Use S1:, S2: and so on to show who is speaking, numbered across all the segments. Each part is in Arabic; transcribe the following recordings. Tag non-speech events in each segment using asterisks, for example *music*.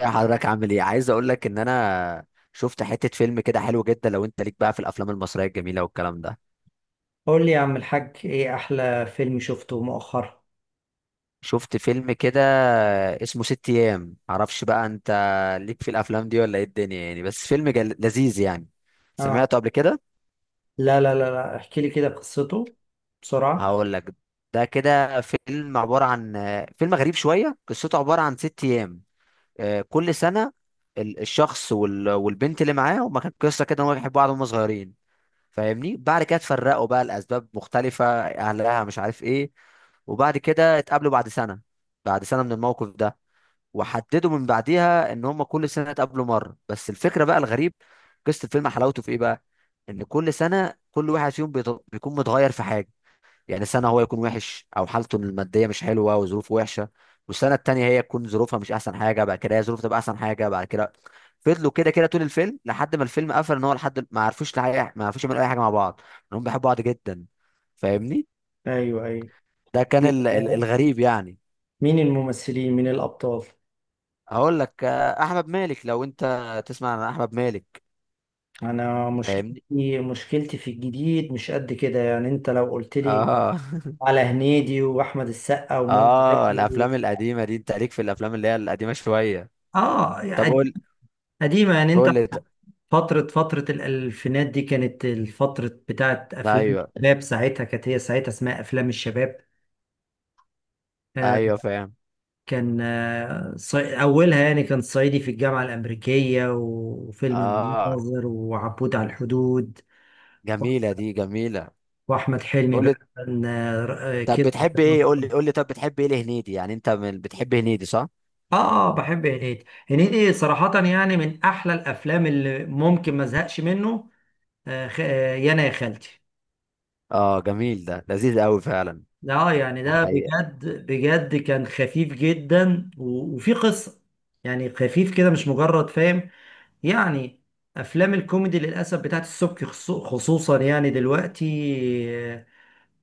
S1: يا حضرتك، عامل ايه؟ عايز اقول لك ان انا شفت حتة فيلم كده حلو جدا. لو انت ليك بقى في الافلام المصرية الجميلة والكلام ده.
S2: قول لي يا عم الحاج، ايه احلى فيلم شفته مؤخرا؟
S1: شفت فيلم كده اسمه ست ايام. معرفش بقى انت ليك في الافلام دي ولا ايه الدنيا يعني. بس فيلم لذيذ يعني.
S2: اه،
S1: سمعته قبل كده؟
S2: لا لا لا لا، احكي لي كده قصته بسرعة.
S1: هقول لك. ده كده فيلم عبارة عن فيلم غريب شوية. قصته عبارة عن ست ايام. كل سنة الشخص والبنت اللي معاه، هما كانت قصة كده ان هما بيحبوا بعض وهما صغيرين، فاهمني. بعد كده اتفرقوا بقى لاسباب مختلفه، اهلها مش عارف ايه. وبعد كده اتقابلوا بعد سنه، بعد سنه من الموقف ده. وحددوا من بعديها ان هم كل سنه اتقابلوا مره. بس الفكره بقى الغريب، قصه الفيلم حلاوته في ايه بقى، ان كل سنه كل واحد فيهم بيكون متغير في حاجه. يعني سنة هو يكون وحش أو حالته المادية مش حلوة وظروفه وحشة، والسنة التانية هي تكون ظروفها مش أحسن حاجة. بعد كده هي ظروفها تبقى أحسن حاجة بعد كده. فضلوا كده كده طول الفيلم لحد ما الفيلم قفل. إن هو لحد ما عرفوش لحقيقة، ما عرفوش يعملوا أي حاجة مع بعض، إنهم بيحبوا بعض جدا، فاهمني.
S2: ايوه، ايوه.
S1: ده كان الغريب يعني.
S2: مين الممثلين، مين الابطال؟
S1: هقول لك، أحمد مالك. لو أنت تسمع عن أحمد مالك،
S2: انا
S1: فاهمني.
S2: مشكلتي في الجديد مش قد كده، يعني انت لو قلت لي
S1: آه *laughs*
S2: على هنيدي واحمد السقا ومنى
S1: آه،
S2: زكي و...
S1: الأفلام القديمة دي. أنت ليك في الأفلام اللي هي القديمة شوية؟
S2: اه
S1: طب
S2: يعني،
S1: قول.
S2: قديمة يعني
S1: قول
S2: انت.
S1: لي.
S2: فترة الألفينات دي كانت الفترة بتاعت أفلام
S1: أيوه
S2: الشباب، ساعتها كانت، هي ساعتها اسمها أفلام الشباب. آه،
S1: أيوه فاهم.
S2: كان أولها يعني كان صعيدي في الجامعة الأمريكية وفيلم
S1: اه،
S2: المناظر وعبود على الحدود.
S1: جميلة، دي جميلة.
S2: وأحمد حلمي
S1: قول لي،
S2: بقى كان
S1: طب
S2: كده.
S1: بتحب
S2: آه
S1: ايه؟ قول لي قول لي، طب بتحب ايه لهنيدي؟ يعني انت من بتحب هنيدي، صح؟
S2: بحب هنيدي، هنيدي صراحة يعني من أحلى الأفلام اللي ممكن ما أزهقش منه. آه، خ... آه، يانا يا خالتي.
S1: اه، جميل، ده لذيذ قوي فعلا.
S2: اه يعني،
S1: ده
S2: ده
S1: حقيقة.
S2: بجد بجد كان خفيف جدا و... وفي قصة، يعني خفيف كده مش مجرد، فاهم يعني. افلام الكوميدي للاسف بتاعت السبكي خصوصا يعني دلوقتي،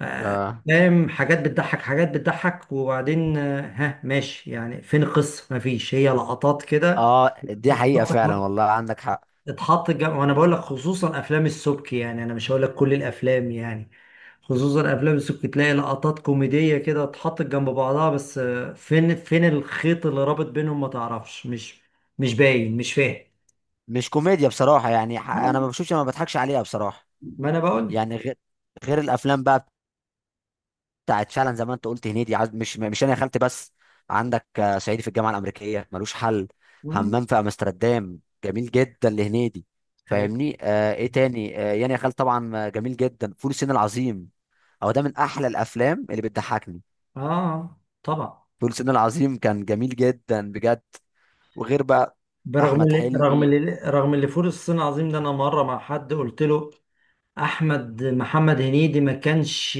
S1: اه
S2: فاهم، حاجات بتضحك، حاجات بتضحك، وبعدين ها ماشي، يعني فين القصه؟ مفيش، هي لقطات كده
S1: اه، دي حقيقة فعلا
S2: اتحط،
S1: والله، عندك حق.
S2: وانا بقول لك خصوصا افلام السبكي، يعني انا مش هقول لك كل الافلام يعني. خصوصا افلام السبكي تلاقي لقطات كوميديه كده اتحطت جنب بعضها، بس فين الخيط اللي رابط بينهم، ما تعرفش. مش باين، مش فاهم.
S1: مش كوميديا بصراحة يعني، انا ما
S2: آه،
S1: بشوفش ما بضحكش عليها بصراحة.
S2: ما انا بقول.
S1: يعني غير، غير الافلام بقى بتاعت فعلا زي ما انت قلت هنيدي. عايز مش مش انا يا خالتي، بس عندك صعيدي في الجامعه الامريكيه، ملوش حل.
S2: مم.
S1: همام في امستردام، جميل جدا لهنيدي،
S2: أيوة.
S1: فاهمني. آه، ايه تاني؟ آه يعني يا خالتي طبعا، جميل جدا فول الصين العظيم. هو ده من احلى الافلام اللي بتضحكني.
S2: اه طبعا.
S1: فول الصين العظيم كان جميل جدا بجد. وغير بقى
S2: برغم
S1: احمد
S2: اللي رغم
S1: حلمي.
S2: اللي رغم اللي فول الصين العظيم ده، انا مره مع حد قلت له احمد، محمد هنيدي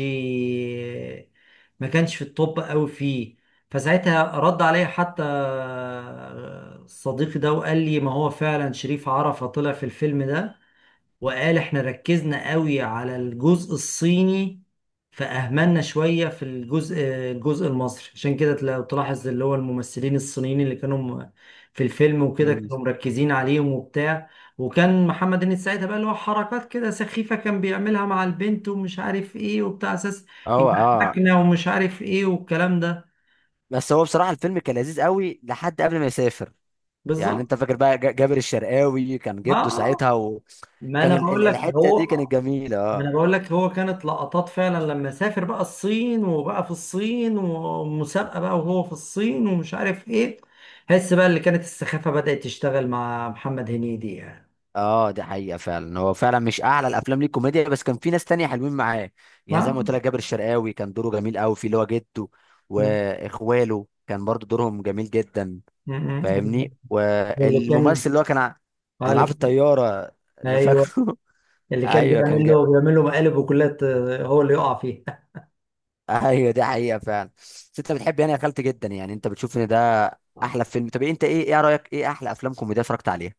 S2: ما كانش في التوب قوي فيه. فساعتها رد عليا حتى صديقي ده، وقال لي: ما هو فعلا شريف عرفة طلع في الفيلم ده، وقال احنا ركزنا قوي على الجزء الصيني، فأهملنا شوية في الجزء المصري. عشان كده لو تلاحظ، اللي هو الممثلين الصينيين اللي كانوا في الفيلم وكده
S1: مم.
S2: كانوا مركزين عليهم وبتاع. وكان محمد هنيدي ساعتها بقى، اللي هو حركات كده سخيفة كان بيعملها مع البنت ومش عارف ايه وبتاع، اساس
S1: اه اه.
S2: يضحكنا، ومش عارف ايه والكلام ده.
S1: بس هو بصراحه الفيلم كان لذيذ قوي لحد قبل ما يسافر. يعني
S2: بالظبط.
S1: انت فاكر بقى جابر الشرقاوي كان
S2: اه.
S1: جده ساعتها.
S2: ما
S1: كان
S2: انا بقول لك
S1: الحته
S2: هو
S1: دي كانت جميله،
S2: ما انا
S1: اه.
S2: بقول لك هو كانت لقطات فعلا، لما سافر بقى الصين، وبقى في الصين ومسابقة بقى وهو في الصين ومش عارف ايه، حس بقى اللي كانت السخافة بدأت تشتغل مع محمد هنيدي يعني.
S1: اه دي حقيقه فعلا. هو فعلا مش اعلى الافلام ليه كوميديا، بس كان في ناس تانية حلوين معاه. يعني زي ما قلت
S2: ها.
S1: لك جابر الشرقاوي كان دوره جميل قوي في اللي هو جده،
S2: م-
S1: واخواله كان برضو دورهم جميل جدا،
S2: م- م.
S1: فاهمني.
S2: واللي كان،
S1: والممثل اللي هو كان اللي
S2: اللي
S1: معاه في
S2: كان،
S1: الطياره، اللي
S2: ايوه،
S1: فاكره. *laughs*
S2: اللي كان
S1: ايوه كان
S2: بيعمل له بيعمل له مقالب وكلات، هو اللي يقع فيها.
S1: ايوه دي حقيقه فعلا. بس انت بتحب يعني يا خالتي جدا، يعني انت بتشوف ان ده
S2: آه،
S1: احلى فيلم؟ طب انت ايه، ايه رايك؟ ايه احلى افلام كوميديا اتفرجت عليها؟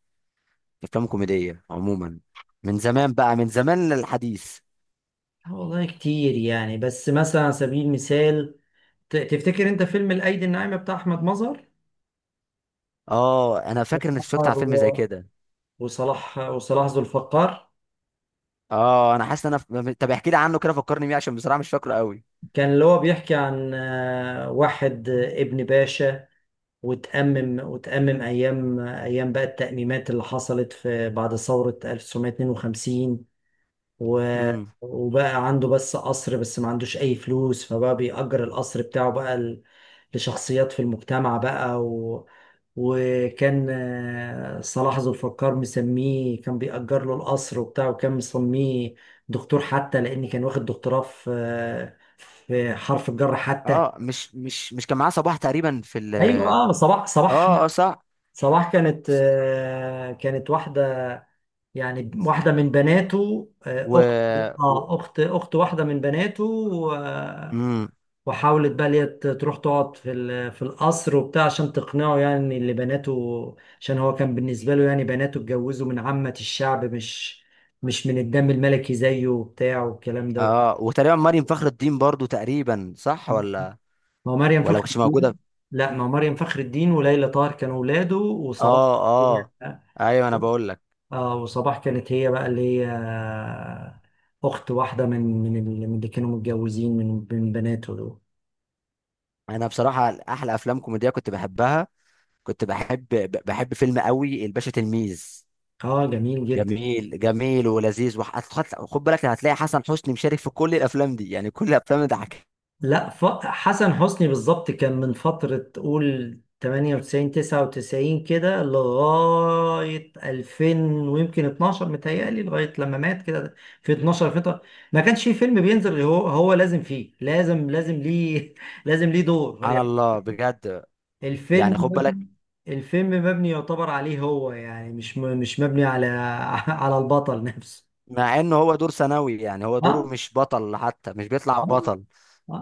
S1: افلام كوميديه عموما، من زمان بقى، من زمان للحديث.
S2: والله كتير يعني، بس مثلا على سبيل المثال، تفتكر انت فيلم الايدي الناعمة بتاع احمد مظهر؟
S1: اه، انا فاكر اني اتفرجت على فيلم زي
S2: *laughs*
S1: كده.
S2: وصلاح ذو الفقار.
S1: اه، انا حاسس ان انا طب احكي لي عنه كده، فكرني بيه عشان بصراحه مش فاكره قوي.
S2: كان اللي هو بيحكي عن واحد ابن باشا، وتأمم أيام، بقى التأميمات اللي حصلت في بعد ثورة 1952. و...
S1: امم.
S2: وبقى عنده بس قصر، بس ما عندوش أي فلوس، فبقى بيأجر القصر بتاعه بقى لشخصيات في المجتمع بقى و... وكان صلاح ذو الفقار مسميه، كان بيأجر له القصر وبتاع، وكان مسميه دكتور حتى، لأن كان واخد دكتوراه في في حرف الجر حتى.
S1: اه، مش كان معاه صباح تقريبا في ال...
S2: ايوه، اه، صباح.
S1: اه اه صح.
S2: صباح كانت كانت واحدة، يعني واحدة من بناته، آه،
S1: و،
S2: أخت اه،
S1: و...
S2: أخت واحدة من بناته.
S1: امم.
S2: وحاولت بقى اللي هي تروح تقعد في في القصر وبتاع، عشان تقنعه يعني ان اللي بناته، عشان هو كان بالنسبه له يعني بناته اتجوزوا من عامه الشعب، مش من الدم الملكي زيه وبتاع والكلام ده.
S1: اه، وتقريبا مريم فخر الدين برضو تقريبا، صح ولا؟
S2: ما هو مريم
S1: ولا ما
S2: فخر
S1: كانتش موجوده؟
S2: الدين. لا، ما هو مريم فخر الدين وليلى طاهر كانوا ولاده، وصباح
S1: اه اه
S2: هي-
S1: ايوه انا بقول لك.
S2: اه، وصباح كانت هي بقى اللي هي اخت واحده من من من اللي كانوا متجوزين من بناته دول.
S1: انا بصراحه احلى افلام كوميديه كنت بحبها، كنت بحب بحب فيلم قوي الباشا تلميذ.
S2: اه جميل جدا.
S1: جميل جميل ولذيذ وح- خد خد بالك، هتلاقي حسن حسني مشارك في كل الافلام دي. يعني كل الافلام ده حكي.
S2: لا، حسن حسني بالظبط كان من فترة تقول 98، 99 كده لغاية 2000، ويمكن 12، متهيألي لغاية لما مات كده، في 12 فترة ما كانش فيه فيلم بينزل غير هو، لازم فيه، لازم ليه *laughs* لازم ليه دور
S1: سبحان
S2: يعني.
S1: الله بجد.
S2: الفيلم
S1: يعني خد
S2: مبني-
S1: بالك،
S2: الفيلم مبني يعتبر عليه هو، يعني مش مش مبني على *laughs* على البطل نفسه.
S1: مع انه هو دور ثانوي، يعني هو دوره
S2: اه،
S1: مش بطل حتى، مش بيطلع
S2: اه،
S1: بطل.
S2: اه.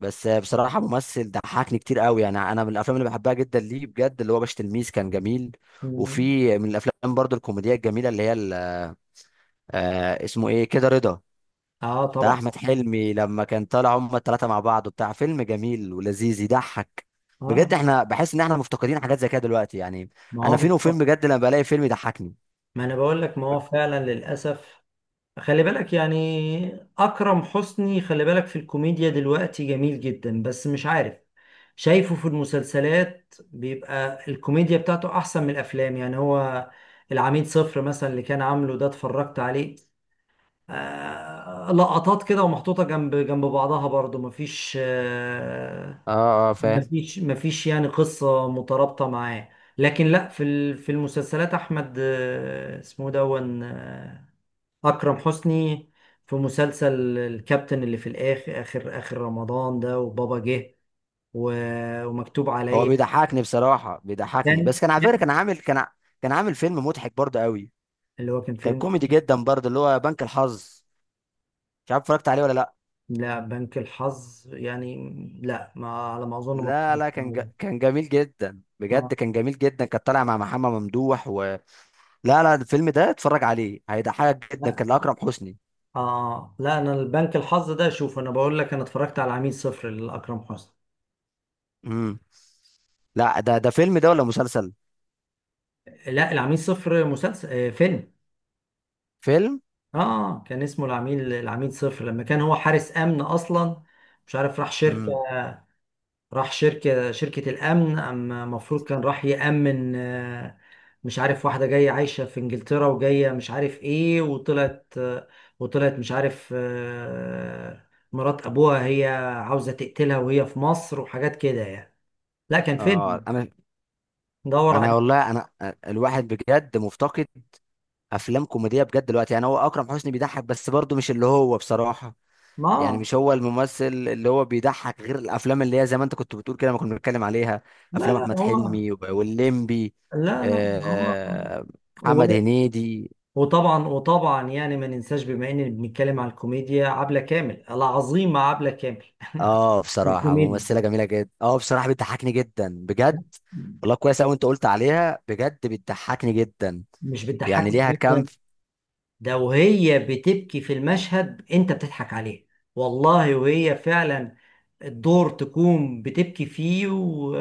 S1: بس بصراحه ممثل ضحكني كتير قوي. يعني انا من الافلام اللي بحبها جدا ليه بجد اللي هو باشا تلميذ، كان جميل.
S2: مم.
S1: وفي من الافلام برضو الكوميديا الجميله اللي هي اسمه ايه كده، رضا.
S2: اه
S1: بتاع
S2: طبعا.
S1: احمد حلمي لما كان طالع هما الثلاثه مع بعض وبتاع، فيلم جميل ولذيذ يضحك
S2: اه.
S1: بجد. احنا بحس ان احنا مفتقدين حاجات زي كده دلوقتي يعني.
S2: ما هو
S1: انا فين وفين
S2: بالظبط.
S1: بجد لما بلاقي فيلم يضحكني.
S2: ما انا بقول لك، ما هو فعلا للاسف. خلي بالك يعني اكرم حسني، خلي بالك في الكوميديا دلوقتي جميل جدا، بس مش عارف، شايفه في المسلسلات بيبقى الكوميديا بتاعته احسن من الافلام يعني. هو العميد صفر مثلا اللي كان عامله ده، اتفرجت عليه؟ لقطات كده ومحطوطة جنب جنب بعضها، برضو مفيش
S1: اه اه فاهم.
S2: مفيش يعني قصة مترابطة معاه. لكن لا، في في المسلسلات أحمد، اسمه دون، أكرم حسني، في مسلسل الكابتن اللي في الآخر، آخر آخر رمضان ده، وبابا جه، ومكتوب
S1: هو
S2: عليا.
S1: بيضحكني بصراحه بيضحكني.
S2: كان
S1: بس كان على فكره
S2: كان-
S1: كان عامل فيلم مضحك برضه قوي.
S2: اللي هو كان
S1: كان
S2: فيلم.
S1: كوميدي جدا برضه اللي هو بنك الحظ. مش عارف اتفرجت عليه ولا لا.
S2: لا بنك الحظ يعني، لا، ما على ما أظن ما
S1: لا
S2: اتفرجتش
S1: لا كان
S2: عليه.
S1: كان جميل جدا بجد.
S2: آه،
S1: كان جميل جدا كان طالع مع محمد ممدوح و... لا لا، الفيلم ده اتفرج عليه هيضحكك جدا،
S2: لا.
S1: كان لأكرم حسني.
S2: لا، أنا البنك الحظ ده، شوف أنا بقول لك، أنا اتفرجت على عميل صفر لأكرم حسني.
S1: امم. لا، ده فيلم ده ولا مسلسل؟
S2: لا، العميل صفر مسلسل، فيلم.
S1: فيلم.
S2: اه كان اسمه العميل، صفر، لما كان هو حارس امن اصلا، مش عارف راح شركه،
S1: امم.
S2: شركه الامن، اما المفروض كان راح يامن مش عارف، واحده جايه عايشه في انجلترا وجايه، مش عارف ايه، وطلعت وطلعت مش عارف مرات ابوها، هي عاوزه تقتلها وهي في مصر وحاجات كده يعني. لا كان
S1: اه،
S2: فيلم،
S1: انا
S2: دور
S1: انا
S2: عليه.
S1: والله انا الواحد بجد مفتقد افلام كوميديه بجد دلوقتي. يعني هو اكرم حسني بيضحك بس برضه مش اللي هو بصراحه. يعني
S2: ما،
S1: مش هو الممثل اللي هو بيضحك غير الافلام اللي هي زي ما انت كنت بتقول كده ما كنا بنتكلم عليها.
S2: لا
S1: افلام
S2: لا
S1: احمد
S2: هو
S1: حلمي وب- والليمبي
S2: لا لا
S1: آه، آه، محمد
S2: هو.
S1: هنيدي.
S2: وطبعا يعني ما ننساش، بما اننا بنتكلم على الكوميديا، عبلة كامل، العظيمة عبلة كامل.
S1: اه
S2: *laughs*
S1: بصراحه
S2: الكوميديا.
S1: ممثله جميله جدا. اه بصراحه بتضحكني جدا بجد. والله كويس قوي انت قلت عليها بجد، بتضحكني جدا.
S2: مش
S1: يعني
S2: بتضحكك
S1: ليها كام
S2: جدا؟ ده وهي بتبكي في المشهد انت بتضحك عليها، والله. وهي فعلا الدور تكون بتبكي فيه و...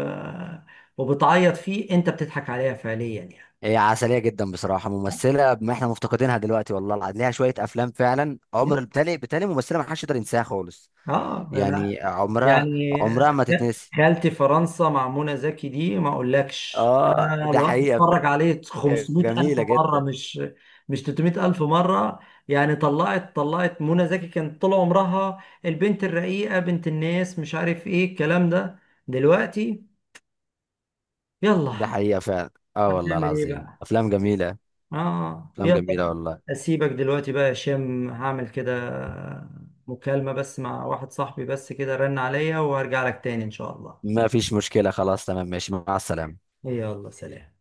S2: وبتعيط فيه، انت بتضحك عليها فعليا يعني.
S1: هي عسليه جدا بصراحه. ممثله ما احنا مفتقدينها دلوقتي والله العظيم، ليها شويه افلام فعلا عمر بالتالي. ممثله ما حدش يقدر ينساها خالص.
S2: اه
S1: يعني
S2: يعني.
S1: عمرها، عمرها ما تتنسي.
S2: خالتي فرنسا مع منى زكي دي، ما اقولكش، يا
S1: اه ده
S2: الله،
S1: حقيقه
S2: اتفرج عليه
S1: فعلاً،
S2: 500 الف
S1: جميله
S2: مره،
S1: جدا.
S2: مش مش 300 الف مره. يعني طلعت منى زكي كانت طول عمرها البنت الرقيقه، بنت الناس مش عارف ايه الكلام ده. دلوقتي يلا،
S1: ده حقيقه فعلا. اه والله
S2: هنعمل ايه
S1: العظيم
S2: بقى.
S1: افلام جميله.
S2: اه
S1: افلام جميله
S2: يلا.
S1: والله.
S2: اسيبك دلوقتي بقى يا هشام، هعمل كده مكالمه بس مع واحد صاحبي، بس كده رن عليا، وهرجع لك تاني ان شاء الله.
S1: ما فيش مشكله، خلاص تمام، ماشي، مع السلامه.
S2: يلا سلام.